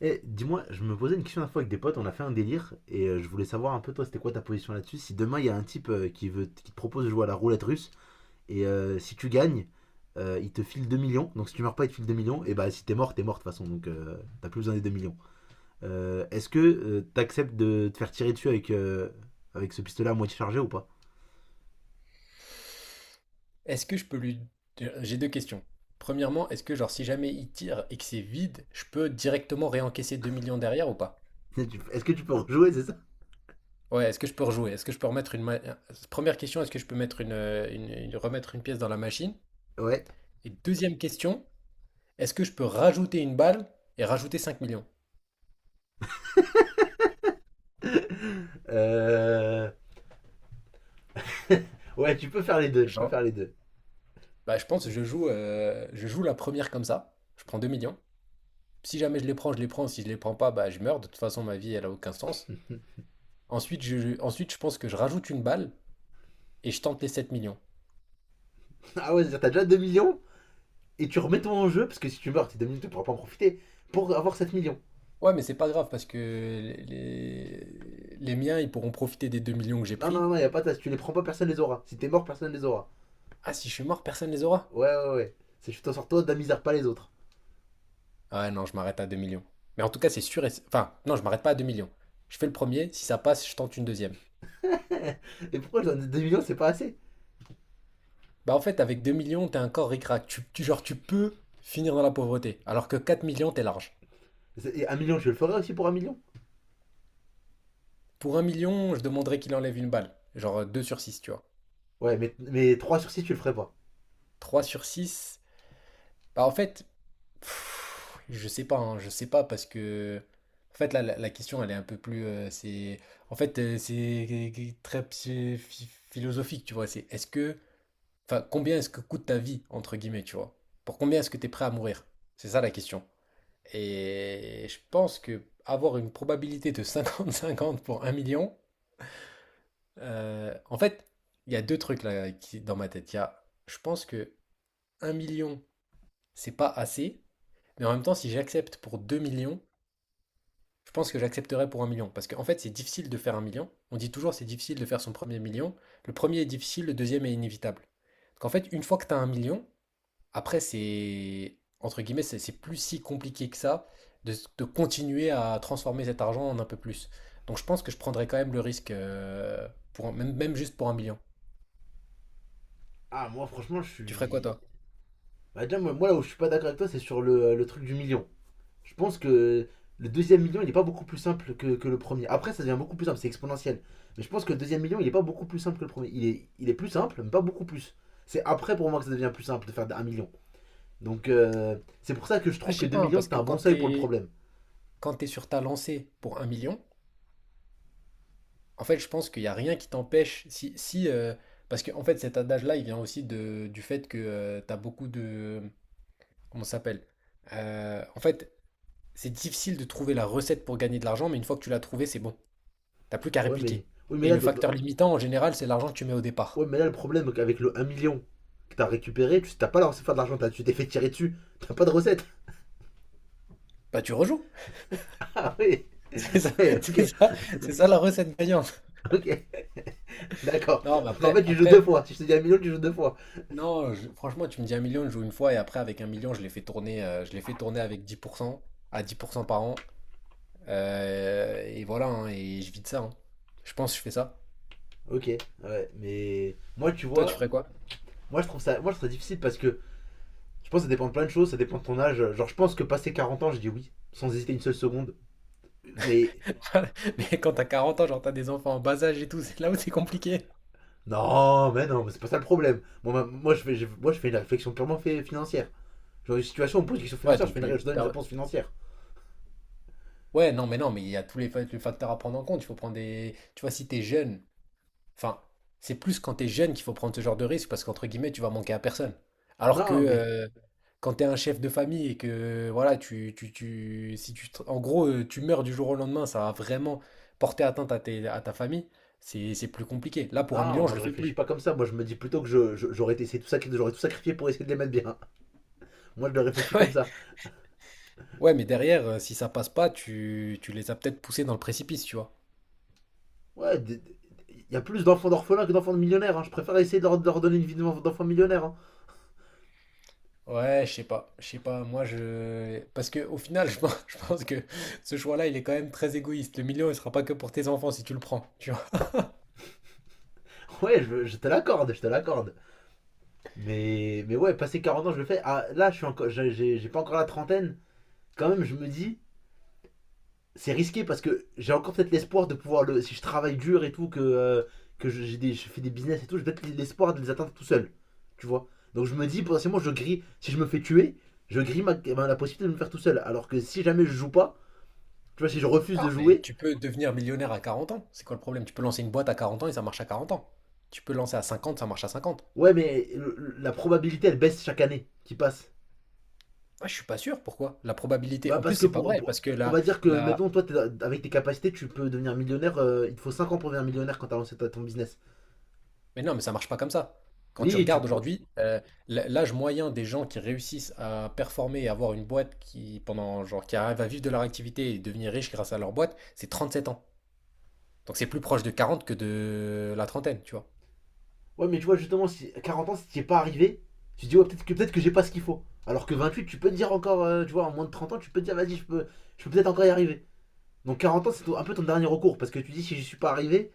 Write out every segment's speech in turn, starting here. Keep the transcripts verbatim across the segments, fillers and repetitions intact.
Eh, dis-moi, je me posais une question la fois avec des potes, on a fait un délire, et euh, je voulais savoir un peu toi, c'était quoi ta position là-dessus? Si demain il y a un type euh, qui veut, qui te propose de jouer à la roulette russe, et euh, si tu gagnes, euh, il te file deux millions, donc si tu meurs pas, il te file 2 millions, et bah si t'es mort, t'es mort de toute façon, donc euh, t'as plus besoin des deux millions. Euh, est-ce que euh, t'acceptes de te faire tirer dessus avec, euh, avec ce pistolet à moitié chargé ou pas? Est-ce que je peux lui... J'ai deux questions. Premièrement, est-ce que genre si jamais il tire et que c'est vide, je peux directement réencaisser deux millions derrière ou pas? Tu- Est-ce que tu peux rejouer, c'est ça? Ouais, est-ce que je peux rejouer? Est-ce que je peux remettre une... ma- Première question, est-ce que je peux mettre une, euh, une- une- remettre une pièce dans la machine? Ouais. Et deuxième question, est-ce que je peux rajouter une balle et rajouter cinq millions? Euh, Ouais, tu peux faire les deux, tu peux Genre, faire les deux. bah, je pense que je joue, euh, je joue la première comme ça. Je prends deux millions. Si jamais je les prends, je les prends. Si je les prends pas, bah, je meurs. De toute façon, ma vie, elle a aucun sens. Ensuite, je, ensuite, je pense que je rajoute une balle et je tente les sept millions. Ah ouais, c'est-à-dire t'as déjà deux millions et tu remets ton en jeu, parce que si tu meurs, tes 2 millions, tu ne pourras pas en profiter, pour avoir sept millions. Ouais, mais c'est pas grave parce que les, les- les miens, ils pourront profiter des deux millions que j'ai Non, non, pris. non, y a pas de tasse, tu les prends pas, personne les aura. Si t'es mort, personne les aura. Ah, si je suis mort, personne les aura. Ouais, ouais, ouais. C'est je t'en sors toi, d'un misère pas les autres. Ah non, je m'arrête à deux millions. Mais en tout cas, c'est sûr et... Enfin, non, je m'arrête pas à deux millions. Je fais le premier, si ça passe, je tente une deuxième. Et pourquoi je donne 2 millions, c'est pas assez? Bah en fait, avec deux millions, t'es encore ric-rac. Tu, tu- genre, tu peux finir dans la pauvreté. Alors que quatre millions, t'es large. C'est- Et 1 million, je le ferais aussi pour un million. Pour un million, je demanderais qu'il enlève une balle. Genre deux sur six, tu vois. Ouais, mais, mais trois sur six, tu le ferais pas. Trois sur six. Bah, en fait, pff, je sais pas, hein, je sais pas parce que en fait là la, la question, elle est un peu plus, euh, c'est en fait, euh, c'est très psy- phi- philosophique, tu vois, c'est, est-ce que, enfin, combien est-ce que coûte ta vie, entre guillemets, tu vois? Pour combien est-ce que tu es prêt à mourir? C'est ça la question. Et je pense que avoir une probabilité de cinquante-cinquante pour un million, euh, en fait, il y a deux trucs là qui dans ma tête. Il y a je pense que un million, c'est pas assez. Mais en même temps, si j'accepte pour deux millions, je pense que j'accepterai pour un million. Parce qu'en fait, c'est difficile de faire un million. On dit toujours c'est difficile de faire son premier million. Le premier est difficile, le deuxième est inévitable. Donc en fait, une fois que tu as 1 million, après, c'est, entre guillemets, c'est c'est plus si compliqué que ça de, de continuer à transformer cet argent en un peu plus. Donc je pense que je prendrais quand même le risque, euh, pour, un- même, même juste pour un million. Ah, moi, franchement, je Tu ferais quoi suis. toi? Bah, déjà, moi, moi, là où je suis pas d'accord avec toi, c'est sur le, le truc du million. Je pense que le deuxième million, il n'est pas beaucoup plus simple que, que le premier. Après, ça devient beaucoup plus simple, c'est exponentiel. Mais je pense que le deuxième million, il n'est pas beaucoup plus simple que le premier. Il est, il est plus simple, mais pas beaucoup plus. C'est après pour moi que ça devient plus simple de faire un million. Donc euh, c'est pour ça que je Ah, trouve je que sais deux pas, hein, millions, parce c'était que un quand bon seuil pour le t'es, problème. quand t'es sur ta lancée pour un million, en fait, je pense qu'il n'y a rien qui t'empêche. Si, si, euh, parce que en fait, cet adage-là, il vient aussi de, du fait que tu as beaucoup de. Comment ça s'appelle? Euh, en fait, c'est difficile de trouver la recette pour gagner de l'argent, mais une fois que tu l'as trouvée, c'est bon. T'as plus qu'à Ouais, mais, répliquer. oui, mais, Et là, le facteur limitant, en général, c'est l'argent que tu mets au ouais, départ. mais là, le problème avec le un million que t'as récupéré, tu t'as pas lancé faire de l'argent, t'as- tu t'es fait tirer dessus, t'as pas de recette. Bah, tu rejoues. Ah oui, C'est ça, ouais, c'est ok, ça, c'est ça la recette gagnante. ok, d'accord. Non, mais Donc en après, fait, tu joues deux après, fois. Si je te dis un million, tu joues deux fois. non, je- franchement, tu me dis un million, je joue une fois, et après, avec un million, je l'ai fait tourner, euh, je l'ai fait tourner avec dix pour cent à dix pour cent par an. Euh, et voilà, hein, et je vis de ça, hein. Je pense que je fais ça. Ok, ouais, mais moi, tu Toi, tu vois, ferais quoi? moi je trouve ça, moi je trouve ça difficile parce que je pense que ça dépend de plein de choses, ça dépend de ton âge. Genre, je pense que passé quarante ans, je dis oui, sans hésiter une seule seconde. Mais Mais quand t'as quarante ans, genre t'as des enfants en bas âge et tout, c'est là où c'est compliqué. non, mais non, mais c'est pas ça le problème. Moi, ma- moi, je fais, je- moi, je fais une réflexion purement fait- financière. Genre, une situation, on me pose une question Ouais, financière, je, donc fais une, ré- tu- je donne une t'as- réponse financière. Ouais, non, mais non, mais il y a tous les, fa- les facteurs à prendre en compte. Il faut prendre des... Tu vois, si t'es jeune, enfin, c'est plus quand t'es jeune qu'il faut prendre ce genre de risque parce qu'entre guillemets, tu vas manquer à personne. Alors que, Non, mais euh, quand t'es un chef de famille et que voilà, tu, tu, tu, si tu, te- en gros, euh, tu meurs du jour au lendemain, ça va vraiment porter atteinte à, tes- à ta famille. C'est, c'est plus compliqué. Là, pour un non, million, je moi le je fais réfléchis plus. pas comme ça. Moi, je me dis plutôt que je- je- j'aurais essayé tout ça, j'aurais tout sacrifié pour essayer de les mettre bien. Moi, je le réfléchis comme Ouais. ça. Ouais, mais derrière, euh, si ça passe pas, tu, tu les as peut-être poussés dans le précipice, tu vois. Ouais, il y a plus d'enfants d'orphelins que d'enfants de millionnaires, hein. Je préfère essayer de leur, de leur donner une vie d'enfant millionnaire, hein. Ouais, je sais pas, je sais pas, moi je... Parce que au final, je pense, je pense que ce choix-là, il est quand même très égoïste. Le million, il sera pas que pour tes enfants si tu le prends, tu vois. Ouais, je, je te l'accorde, je te l'accorde. Mais, mais ouais, passer quarante ans, je le fais. Ah, là, je suis encore, j'ai, j'ai- pas encore la trentaine. Quand même, je me dis, c'est risqué parce que j'ai encore peut-être l'espoir de pouvoir le. Si je travaille dur et tout, que, euh, que je, j'ai des- je fais des business et tout, j'ai peut-être l'espoir de les atteindre tout seul. Tu vois. Donc je me dis, potentiellement, je grille. Si je me fais tuer, je grille ma- ma- la possibilité de me faire tout seul. Alors que si jamais je joue pas, tu vois, si je refuse Non, de mais jouer. tu peux devenir millionnaire à 40 ans. C'est quoi le problème? Tu peux lancer une boîte à 40 ans et ça marche à 40 ans. Tu peux lancer à cinquante, ça marche à cinquante. Ouais, mais le- la probabilité, elle baisse chaque année qui passe. Ah, je suis pas sûr, pourquoi? La probabilité, Bah en plus, parce que c'est pas pour, vrai, pour- parce que on la, va dire que la... maintenant toi t'es- avec tes capacités tu peux devenir millionnaire, euh, il te faut cinq ans pour devenir millionnaire quand t'as lancé ta- ton business. Mais non, mais ça marche pas comme ça. Quand tu Oui tu regardes peux. aujourd'hui, euh, l- l'âge moyen des gens qui réussissent à performer et avoir une boîte qui, pendant, genre, qui arrive à vivre de leur activité et devenir riche grâce à leur boîte, c'est 37 ans. Donc c'est plus proche de quarante que de la trentaine, tu vois. Ouais mais tu vois justement si à 40 ans si t'y es pas arrivé, tu te dis ouais peut-être que peut-être que j'ai pas ce qu'il faut. Alors que vingt huit tu peux te dire encore euh, tu vois en moins de trente ans tu peux te dire vas-y je peux je peux peut-être encore y arriver. Donc quarante ans c'est ton- un peu ton dernier recours parce que tu dis si j'y suis pas arrivé,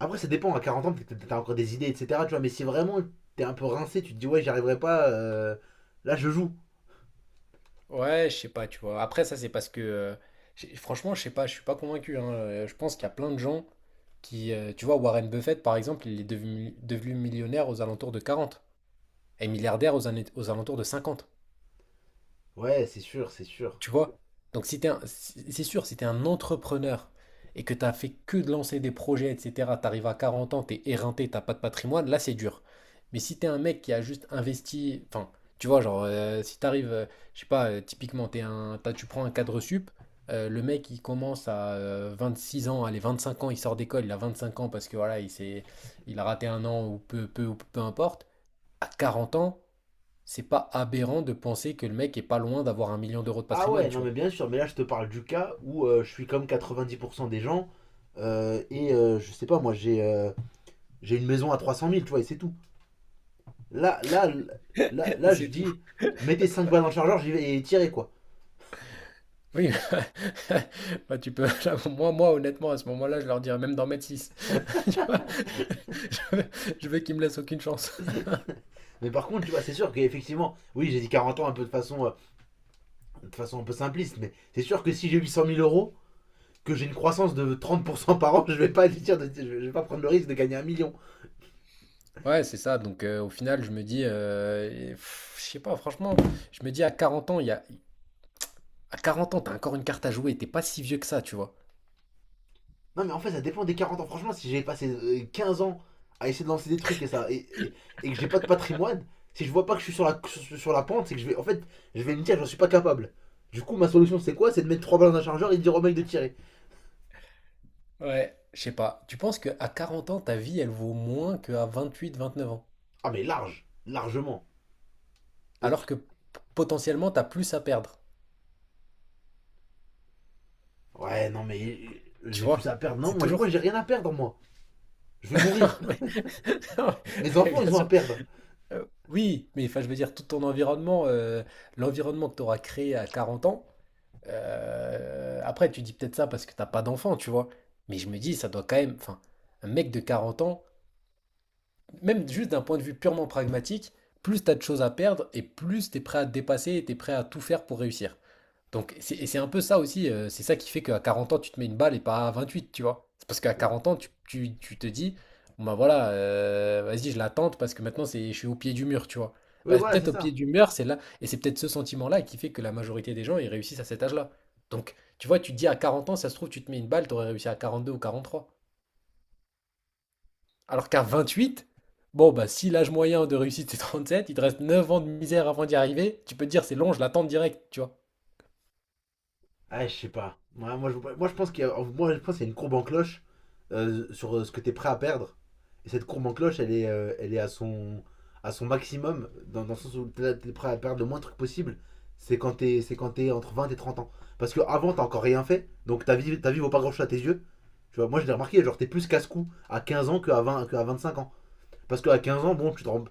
après ça dépend à quarante ans peut-être que t'as encore des idées etc tu vois mais si vraiment t'es un peu rincé tu te dis ouais j'y arriverai pas euh, là je joue. Ouais, je sais pas, tu vois. Après, ça, c'est parce que, euh, j'ai- franchement, je sais pas, je suis pas convaincu, hein. Euh, Je pense qu'il y a plein de gens qui, euh, tu vois, Warren Buffett, par exemple, il est devenu, devenu millionnaire aux alentours de quarante et milliardaire aux, années- aux alentours de cinquante. Ouais, c'est sûr, c'est sûr. Tu vois? Donc si t'es un- si- c'est sûr, si t'es un entrepreneur et que t'as fait que de lancer des projets, et cetera, t'arrives à quarante ans, t'es éreinté, t'as pas de patrimoine, là c'est dur. Mais si t'es un mec qui a juste investi, enfin, tu vois, genre, euh, si t'arrives, euh, je sais pas, euh, typiquement, t'es un, t'as- tu prends un cadre sup, euh, le mec il commence à euh, six ans, allez, vingt cinq ans, il sort d'école, il a vingt cinq ans parce que voilà, il s'est, il a raté un an ou peu, peu, ou peu importe, à quarante ans, c'est pas aberrant de penser que le mec est pas loin d'avoir un million d'euros de Ah patrimoine, ouais, non tu mais vois. bien sûr, mais là je te parle du cas où euh, je suis comme quatre-vingt-dix pour cent des gens euh, et euh, je sais pas, moi j'ai euh, j'ai une maison à trois cent mille, tu vois, et c'est tout. Là, là, là, Et là, je c'est tout. dis, mettez cinq balles dans le chargeur, j'y vais et tirez quoi. Oui, bah, tu peux là, moi moi honnêtement à ce moment-là, je leur dirais même d'en mettre six. Tu vois? Je veux je veux qu'ils me laissent aucune chance. Mais par contre, tu vois, c'est sûr qu'effectivement, oui, j'ai dit quarante ans un peu de façon, euh, de façon un peu simpliste, mais c'est sûr que si j'ai huit cent mille euros, que j'ai une croissance de trente pour cent par an, je vais pas dire, de- je vais je vais pas prendre le risque de gagner un million. Ouais, c'est ça, donc, heu, au final, je me dis, heu et pff, je sais pas franchement, je me dis à quarante ans, il y a à quarante ans, t'as encore une carte à jouer, t'es pas si vieux que ça, tu vois? Non, mais en fait, ça dépend des quarante ans. Franchement, si j'ai passé euh, quinze ans à essayer de lancer des trucs et ça et, et, et que j'ai pas de patrimoine, si je vois pas que je suis sur la, sur, la pente, c'est que je vais. En fait, je vais me dire, j'en suis pas capable. Du coup, ma solution, c'est quoi? C'est de mettre trois balles dans un chargeur et de dire au mec de tirer. Ouais, je sais pas. Tu penses qu'à quarante ans, ta vie, elle vaut moins qu'à vingt-huit vingt-neuf ans? Ah, mais large, largement. Alors que p potentiellement, t'as plus à perdre, Ouais, non, mais euh, tu j'ai plus vois? à perdre. Non, C'est moi, moi toujours. j'ai rien à perdre, moi. Je vais Non, mourir. mais non, Mes mais enfants, bien ils ont sûr. à perdre. Euh, oui, mais enfin, je veux dire, tout ton environnement, euh, l'environnement que tu auras créé à 40 ans, euh, après, tu dis peut-être ça parce que t'as pas d'enfant, tu vois. Mais je me dis, ça doit quand même, enfin, un mec de 40 ans, même juste d'un point de vue purement pragmatique, plus t'as de choses à perdre et plus t'es prêt à te dépasser et t'es prêt à tout faire pour réussir. Donc, c'est- et c'est un peu ça aussi, euh, c'est ça qui fait qu'à 40 ans, tu te mets une balle et pas à vingt-huit, tu vois. C'est parce qu'à 40 ans, tu, tu- tu te dis, bon bah voilà, euh, vas-y, je l'attends parce que maintenant, c'est, je suis au pied du mur, tu vois. Oui, Bah, voilà, c'est peut-être au pied ça. du mur, c'est là, et c'est peut-être ce sentiment-là qui fait que la majorité des gens, ils réussissent à cet âge-là. Donc, tu vois, tu te dis à 40 ans, ça se trouve, tu te mets une balle, t'aurais réussi à quarante-deux ou quarante-trois. Alors qu'à vingt-huit, bon, bah si l'âge moyen de réussite c'est trente-sept, il te reste neuf ans de misère avant d'y arriver, tu peux te dire, c'est long, je l'attends direct, tu vois. Ah, je sais pas. Ouais, moi, je, moi, je pense qu'il y a, moi, je pense qu'il y a une courbe en cloche euh, sur euh, ce que tu es prêt à perdre. Et cette courbe en cloche, elle est, euh, elle est à, son, à son maximum, dans, dans le sens où tu es prêt à perdre le moins de trucs possible. C'est quand t'es c'est quand t'es entre vingt et trente ans. Parce que avant t'as encore rien fait, donc ta vie, ta vie vaut pas grand-chose à tes yeux. Tu vois, moi, je l'ai remarqué, genre, t'es plus casse-cou à quinze ans qu'à vingt qu'à vingt cinq ans. Parce qu'à quinze ans, bon, tu te rends,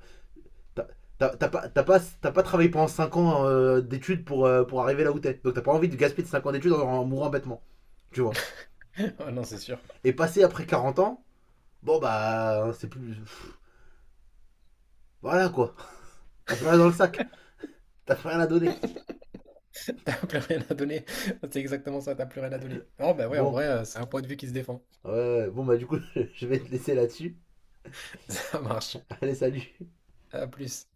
T'as t'as pas, t'as pas, t'as pas travaillé pendant cinq ans euh, d'études pour, euh, pour arriver là où t'es. Donc t'as pas envie de gaspiller cinq ans d'études en, en mourant bêtement, tu vois. Ah non, c'est sûr. Et passer après quarante ans, bon bah, c'est plus. Voilà quoi. T'as plus rien dans le sac. T'as plus rien à donner. T'as plus rien à donner. C'est exactement ça, t'as plus rien à donner. Non, bah ouais, en Bon, vrai, euh, c'est un point de vue qui se défend. ouais, ouais, ouais. Bon bah du coup, je vais te laisser là-dessus. Ça marche. Allez, salut. À plus.